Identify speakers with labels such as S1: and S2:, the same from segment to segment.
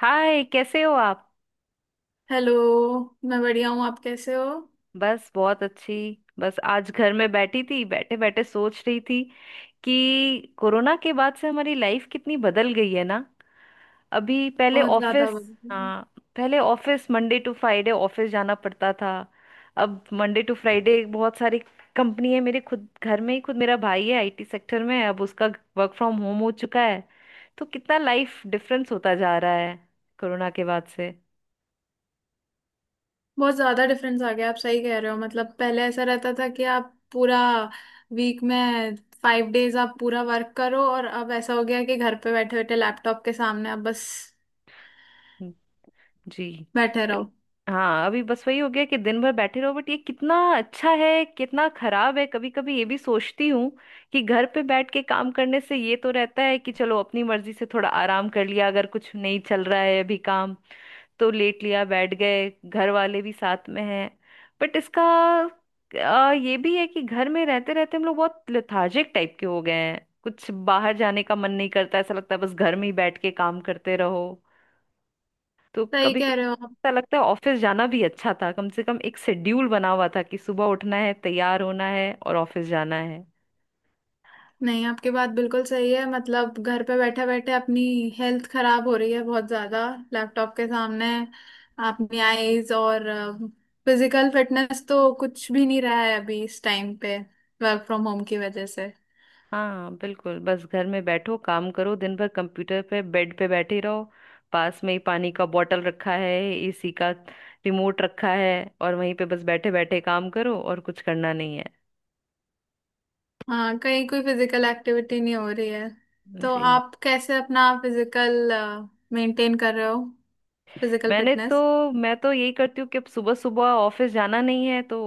S1: हाय, कैसे हो आप।
S2: हेलो। मैं बढ़िया हूँ, आप कैसे हो?
S1: बस बहुत अच्छी। बस आज घर में बैठी थी, बैठे बैठे सोच रही थी कि कोरोना के बाद से हमारी लाइफ कितनी बदल गई है ना। अभी पहले
S2: बहुत
S1: ऑफिस।
S2: ज्यादा बढ़िया।
S1: हाँ, पहले office Monday to Friday office जाना पड़ता था। अब मंडे टू फ्राइडे बहुत सारी कंपनी है मेरे। खुद घर में ही, खुद मेरा भाई है आईटी सेक्टर में, अब उसका वर्क फ्रॉम होम हो चुका है। तो कितना लाइफ डिफरेंस होता जा रहा है कोरोना के बाद से।
S2: बहुत ज्यादा डिफरेंस आ गया, आप सही कह रहे हो। मतलब पहले ऐसा रहता था कि आप पूरा वीक में फाइव डेज आप पूरा वर्क करो, और अब ऐसा हो गया कि घर पे बैठे बैठे लैपटॉप के सामने आप बस
S1: जी।
S2: बैठे
S1: बट-
S2: रहो।
S1: हाँ, अभी बस वही हो गया कि दिन भर बैठे रहो, बट ये कितना अच्छा है कितना खराब है कभी कभी ये भी सोचती हूँ कि घर पे बैठ के काम करने से ये तो रहता है कि चलो अपनी मर्जी से थोड़ा आराम कर लिया, अगर कुछ नहीं चल रहा है अभी काम तो लेट लिया, बैठ गए, घर वाले भी साथ में हैं। बट इसका ये भी है कि घर में रहते रहते हम लोग बहुत लेथार्जिक टाइप के हो गए हैं, कुछ बाहर जाने का मन नहीं करता, ऐसा लगता है बस घर में ही बैठ के काम करते रहो। तो
S2: सही
S1: कभी कभी
S2: कह रहे हो।
S1: ऐसा लगता है ऑफिस जाना भी अच्छा था, कम से कम एक शेड्यूल बना हुआ था कि सुबह उठना है, तैयार होना है और ऑफिस जाना है।
S2: नहीं, आपकी बात बिल्कुल सही है। मतलब घर पे बैठे बैठे अपनी हेल्थ खराब हो रही है बहुत ज्यादा, लैपटॉप के सामने, अपनी आईज और फिजिकल फिटनेस तो कुछ भी नहीं रहा है अभी इस टाइम पे, वर्क फ्रॉम होम की वजह से।
S1: हाँ बिल्कुल, बस घर में बैठो काम करो, दिन भर कंप्यूटर पे बेड पे बैठे रहो। पास में ही पानी का बॉटल रखा है, एसी का रिमोट रखा है, और वहीं पे बस बैठे बैठे काम करो और कुछ करना नहीं है।
S2: हाँ, कहीं कोई फिजिकल एक्टिविटी नहीं हो रही है। तो
S1: जी।
S2: आप कैसे अपना फिजिकल मेंटेन कर रहे हो? फिजिकल
S1: मैंने तो
S2: फिटनेस?
S1: मैं तो यही करती हूँ कि अब सुबह सुबह ऑफिस जाना नहीं है, तो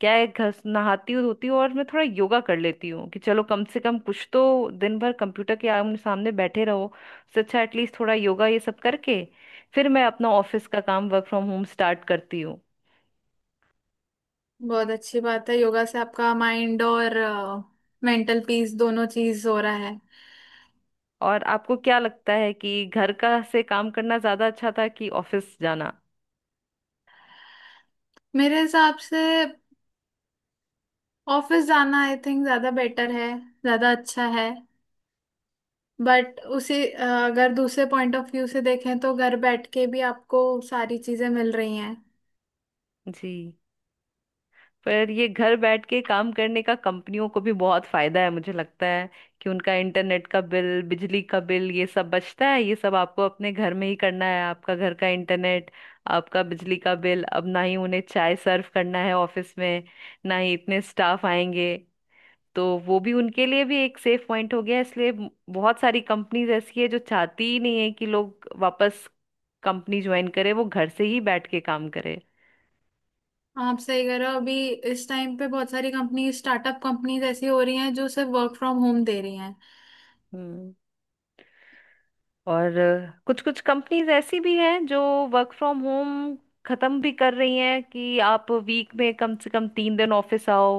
S1: क्या है, घस नहाती हूँ धोती हूँ और मैं थोड़ा योगा कर लेती हूँ कि चलो कम से कम कुछ तो। दिन भर कंप्यूटर के आमने सामने बैठे रहो, उससे अच्छा एटलीस्ट थोड़ा योगा ये सब करके फिर मैं अपना ऑफिस का काम वर्क फ्रॉम होम स्टार्ट करती हूँ।
S2: बहुत अच्छी बात है, योगा से आपका माइंड और मेंटल पीस दोनों चीज हो रहा है।
S1: और आपको क्या लगता है कि घर का से काम करना ज्यादा अच्छा था कि ऑफिस जाना।
S2: मेरे हिसाब से ऑफिस जाना आई थिंक ज्यादा बेटर है, ज्यादा अच्छा है। बट उसी अगर दूसरे पॉइंट ऑफ व्यू से देखें तो घर बैठ के भी आपको सारी चीजें मिल रही हैं।
S1: जी। पर ये घर बैठ के काम करने का कंपनियों को भी बहुत फायदा है मुझे लगता है, कि उनका इंटरनेट का बिल, बिजली का बिल ये सब बचता है, ये सब आपको अपने घर में ही करना है, आपका घर का इंटरनेट, आपका बिजली का बिल। अब ना ही उन्हें चाय सर्व करना है ऑफिस में, ना ही इतने स्टाफ आएंगे। तो वो भी उनके लिए भी एक सेफ पॉइंट हो गया, इसलिए बहुत सारी कंपनीज ऐसी है जो चाहती ही नहीं है कि लोग वापस कंपनी ज्वाइन करे, वो घर से ही बैठ के काम करे।
S2: आप सही कह रहे हो, अभी इस टाइम पे बहुत सारी कंपनी, स्टार्टअप कंपनीज ऐसी हो रही हैं जो सिर्फ वर्क फ्रॉम होम दे रही हैं।
S1: हम्म। और कुछ कुछ कंपनीज ऐसी भी हैं जो वर्क फ्रॉम होम खत्म भी कर रही हैं कि आप वीक में कम से कम 3 दिन ऑफिस आओ,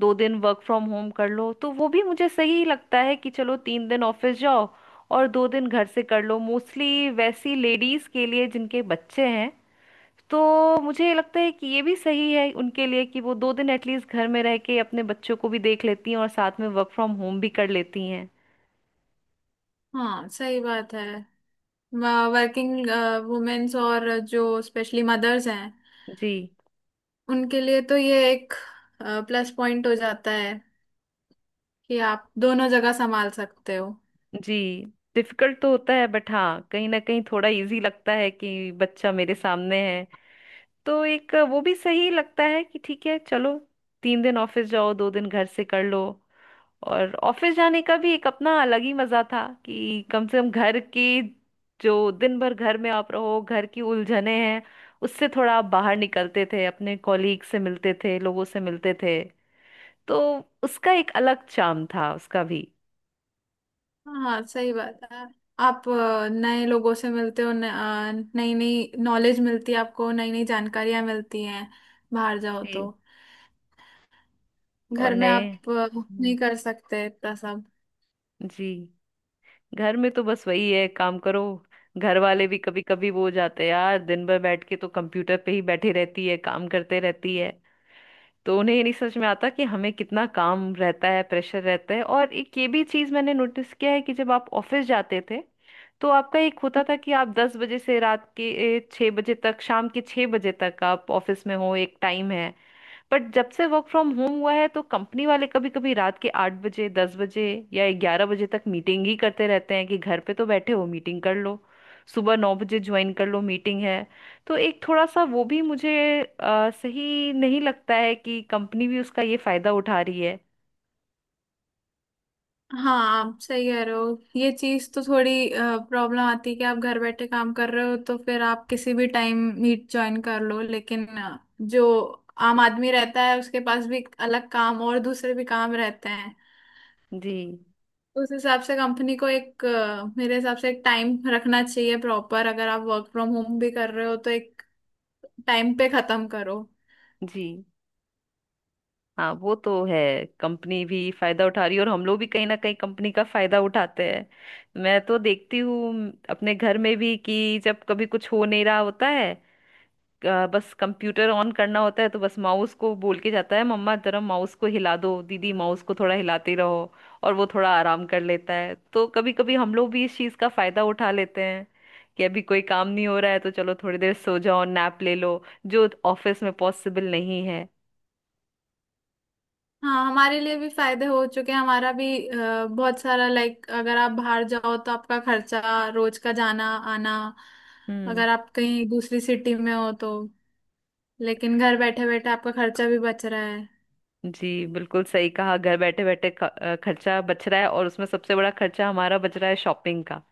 S1: 2 दिन वर्क फ्रॉम होम कर लो। तो वो भी मुझे सही लगता है कि चलो 3 दिन ऑफिस जाओ और 2 दिन घर से कर लो, मोस्टली वैसी लेडीज के लिए जिनके बच्चे हैं। तो मुझे ये लगता है कि ये भी सही है उनके लिए, कि वो 2 दिन एटलीस्ट घर में रह के अपने बच्चों को भी देख लेती हैं और साथ में वर्क फ्रॉम होम भी कर लेती हैं।
S2: हाँ सही बात है। वर्किंग वुमेन्स और जो स्पेशली मदर्स हैं,
S1: जी।
S2: उनके लिए तो ये एक प्लस पॉइंट हो जाता है कि आप दोनों जगह संभाल सकते हो।
S1: जी। डिफिकल्ट तो होता है बट हाँ, कहीं ना कहीं थोड़ा इजी लगता है कि बच्चा मेरे सामने है, तो एक वो भी सही लगता है कि ठीक है चलो, 3 दिन ऑफिस जाओ, 2 दिन घर से कर लो। और ऑफिस जाने का भी एक अपना अलग ही मजा था कि कम से कम घर की, जो दिन भर घर में आप रहो, घर की उलझने हैं, उससे थोड़ा आप बाहर निकलते थे, अपने कॉलीग से मिलते थे, लोगों से मिलते थे। तो उसका एक अलग चार्म था उसका भी।
S2: हाँ सही बात है। आप नए लोगों से मिलते हो, नई नई नॉलेज मिलती है, आपको नई नई जानकारियां मिलती हैं बाहर जाओ
S1: जी।
S2: तो।
S1: और
S2: घर में आप
S1: नए।
S2: नहीं कर सकते इतना सब।
S1: जी। घर में तो बस वही है, काम करो। घर वाले भी कभी कभी वो हो जाते हैं, यार दिन भर बैठ के तो कंप्यूटर पे ही बैठी रहती है, काम करते रहती है, तो उन्हें ये नहीं समझ में आता कि हमें कितना काम रहता है, प्रेशर रहता है। और एक ये भी चीज मैंने नोटिस किया है कि जब आप ऑफिस जाते थे तो आपका एक होता था कि आप 10 बजे से रात के 6 बजे तक, शाम के 6 बजे तक आप ऑफिस में हो, एक टाइम है। बट जब से वर्क फ्रॉम होम हुआ है तो कंपनी वाले कभी कभी रात के 8 बजे, 10 बजे या 11 बजे तक मीटिंग ही करते रहते हैं, कि घर पे तो बैठे हो मीटिंग कर लो, सुबह 9 बजे ज्वाइन कर लो मीटिंग है। तो एक थोड़ा सा वो भी मुझे सही नहीं लगता है, कि कंपनी भी उसका ये फायदा उठा रही है।
S2: हाँ आप सही कह रहे हो, ये चीज तो थोड़ी प्रॉब्लम आती है कि आप घर बैठे काम कर रहे हो तो फिर आप किसी भी टाइम मीट ज्वाइन कर लो, लेकिन जो आम आदमी रहता है उसके पास भी अलग काम और दूसरे भी काम रहते।
S1: जी।
S2: उस हिसाब से कंपनी को एक मेरे हिसाब से एक टाइम रखना चाहिए प्रॉपर, अगर आप वर्क फ्रॉम होम भी कर रहे हो तो एक टाइम पे खत्म करो।
S1: जी। हाँ वो तो है। कंपनी भी फायदा उठा रही है और हम लोग भी कहीं ना कहीं कंपनी का फायदा उठाते हैं। मैं तो देखती हूँ अपने घर में भी कि जब कभी कुछ हो नहीं रहा होता है, बस कंप्यूटर ऑन करना होता है तो बस माउस को बोल के जाता है, मम्मा जरा माउस को हिला दो, दीदी माउस को थोड़ा हिलाते रहो, और वो थोड़ा आराम कर लेता है। तो कभी कभी हम लोग भी इस चीज का फायदा उठा लेते हैं कि अभी कोई काम नहीं हो रहा है तो चलो थोड़ी देर सो जाओ, नैप ले लो, जो ऑफिस में पॉसिबल नहीं है।
S2: हाँ हमारे लिए भी फायदे हो चुके हैं। हमारा भी बहुत सारा, लाइक अगर आप बाहर जाओ तो आपका खर्चा रोज का जाना आना,
S1: हम्म।
S2: अगर आप कहीं दूसरी सिटी में हो तो। लेकिन घर बैठे बैठे आपका खर्चा भी बच रहा है।
S1: जी, बिल्कुल सही कहा, घर बैठे बैठे खर्चा बच रहा है, और उसमें सबसे बड़ा खर्चा हमारा बच रहा है शॉपिंग का।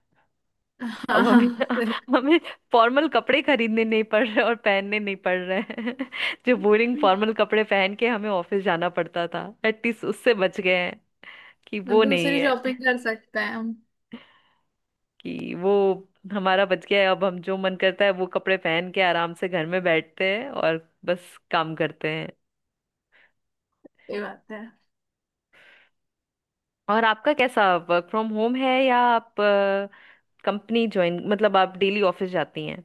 S1: अब हमें
S2: हाँ।
S1: हमें फॉर्मल कपड़े खरीदने नहीं पड़ रहे और पहनने नहीं पड़ रहे हैं। जो बोरिंग फॉर्मल कपड़े पहन के हमें ऑफिस जाना पड़ता था, एटलीस्ट उससे बच गए हैं, कि वो नहीं
S2: दूसरी
S1: है,
S2: शॉपिंग कर सकते हैं हम।
S1: कि वो हमारा बच गया है। अब हम जो मन करता है वो कपड़े पहन के आराम से घर में बैठते हैं और बस काम करते हैं।
S2: ये बात है।
S1: और आपका कैसा वर्क फ्रॉम होम है, या आप कंपनी ज्वाइन, मतलब आप डेली ऑफिस जाती हैं।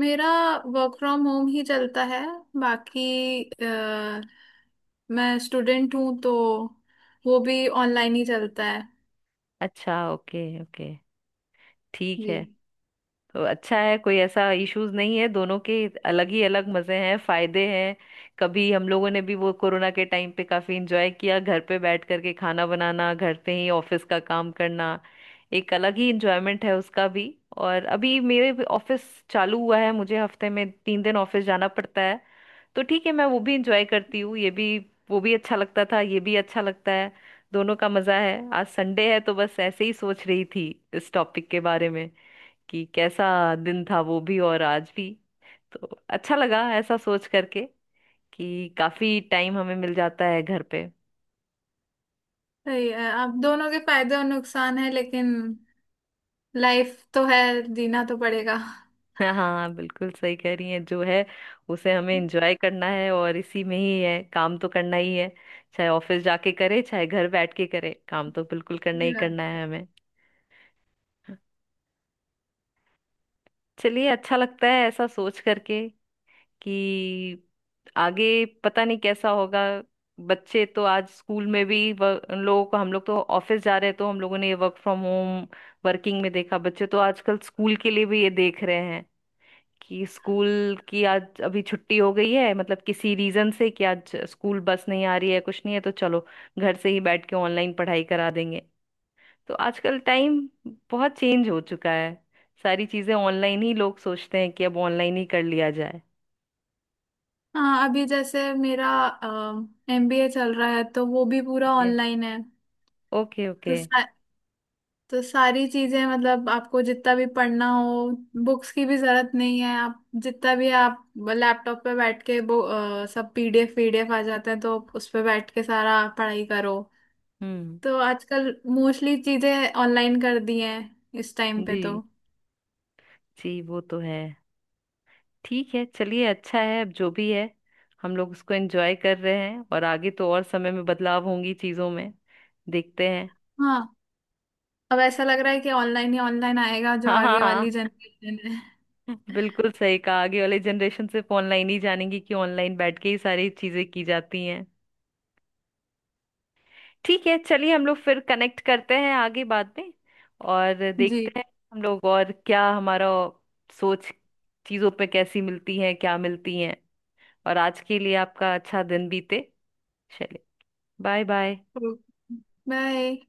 S2: मेरा वर्क फ्रॉम होम ही चलता है। बाकी मैं स्टूडेंट हूँ, तो वो भी ऑनलाइन ही चलता है।
S1: अच्छा, ओके ओके, ठीक
S2: जी।
S1: है। तो अच्छा है, कोई ऐसा इश्यूज नहीं है, दोनों के अलग ही अलग मजे हैं, फायदे हैं। कभी हम लोगों ने भी वो कोरोना के टाइम पे काफी इंजॉय किया, घर पे बैठ करके खाना बनाना, घर पे ही ऑफिस का काम करना, एक अलग ही इंजॉयमेंट है उसका भी। और अभी मेरे भी ऑफिस चालू हुआ है, मुझे हफ्ते में 3 दिन ऑफिस जाना पड़ता है। तो ठीक है, मैं वो भी इंजॉय करती हूँ ये भी, वो भी अच्छा लगता था ये भी अच्छा लगता है, दोनों का मजा है। आज संडे है तो बस ऐसे ही सोच रही थी इस टॉपिक के बारे में, कि कैसा दिन था वो भी और आज भी। तो अच्छा लगा ऐसा सोच करके कि काफी टाइम हमें मिल जाता है घर पे।
S2: सही है, अब दोनों के फायदे और नुकसान है, लेकिन लाइफ तो है, जीना तो पड़ेगा।
S1: हाँ, बिल्कुल सही कह रही हैं, जो है उसे हमें एंजॉय करना है, और इसी में ही है, काम तो करना ही है, चाहे ऑफिस जाके करे चाहे घर बैठ के करे, काम तो बिल्कुल करना
S2: सही
S1: ही
S2: बात
S1: करना है
S2: है।
S1: हमें। चलिए, अच्छा लगता है ऐसा सोच करके कि आगे पता नहीं कैसा होगा। बच्चे तो आज स्कूल में भी उन लोगों को, हम लोग तो ऑफिस जा रहे हैं तो हम लोगों ने ये वर्क फ्रॉम होम वर्किंग में देखा, बच्चे तो आजकल स्कूल के लिए भी ये देख रहे हैं कि स्कूल की आज अभी छुट्टी हो गई है, मतलब किसी रीजन से, कि आज स्कूल बस नहीं आ रही है कुछ नहीं है, तो चलो घर से ही बैठ के ऑनलाइन पढ़ाई करा देंगे। तो आजकल टाइम बहुत चेंज हो चुका है, सारी चीजें ऑनलाइन ही, लोग सोचते हैं कि अब ऑनलाइन ही कर लिया जाए।
S2: हाँ अभी जैसे मेरा एमबीए चल रहा है तो वो भी पूरा ऑनलाइन है।
S1: ओके
S2: तो
S1: ओके।
S2: सा- तो सारी चीजें, मतलब आपको जितना भी पढ़ना हो, बुक्स की भी जरूरत नहीं है, आप जितना भी आप लैपटॉप पे बैठ के वो सब पीडीएफ पीडीएफ आ जाते हैं, तो उस पे बैठ के सारा पढ़ाई करो।
S1: हम्म।
S2: तो आजकल मोस्टली चीजें ऑनलाइन कर दी हैं इस टाइम पे तो।
S1: जी। जी वो तो है। ठीक है चलिए, अच्छा है, अब जो भी है हम लोग उसको एंजॉय कर रहे हैं, और आगे तो और समय में बदलाव होंगी चीजों में, देखते हैं।
S2: हाँ अब ऐसा लग रहा है कि ऑनलाइन ही ऑनलाइन आएगा, जो
S1: हाँ हाँ
S2: आगे
S1: हाँ,
S2: वाली जनरेशन है।
S1: बिल्कुल सही कहा, आगे वाले जनरेशन सिर्फ ऑनलाइन ही जानेंगी कि ऑनलाइन बैठ के ही सारी चीजें की जाती हैं। ठीक है चलिए, हम लोग फिर कनेक्ट करते हैं आगे बाद में, और
S2: जी,
S1: देखते हैं हम लोग और क्या, हमारा सोच चीजों पे कैसी मिलती है, क्या मिलती है। और आज के लिए आपका अच्छा दिन बीते। चलिए, बाय बाय।
S2: बाय।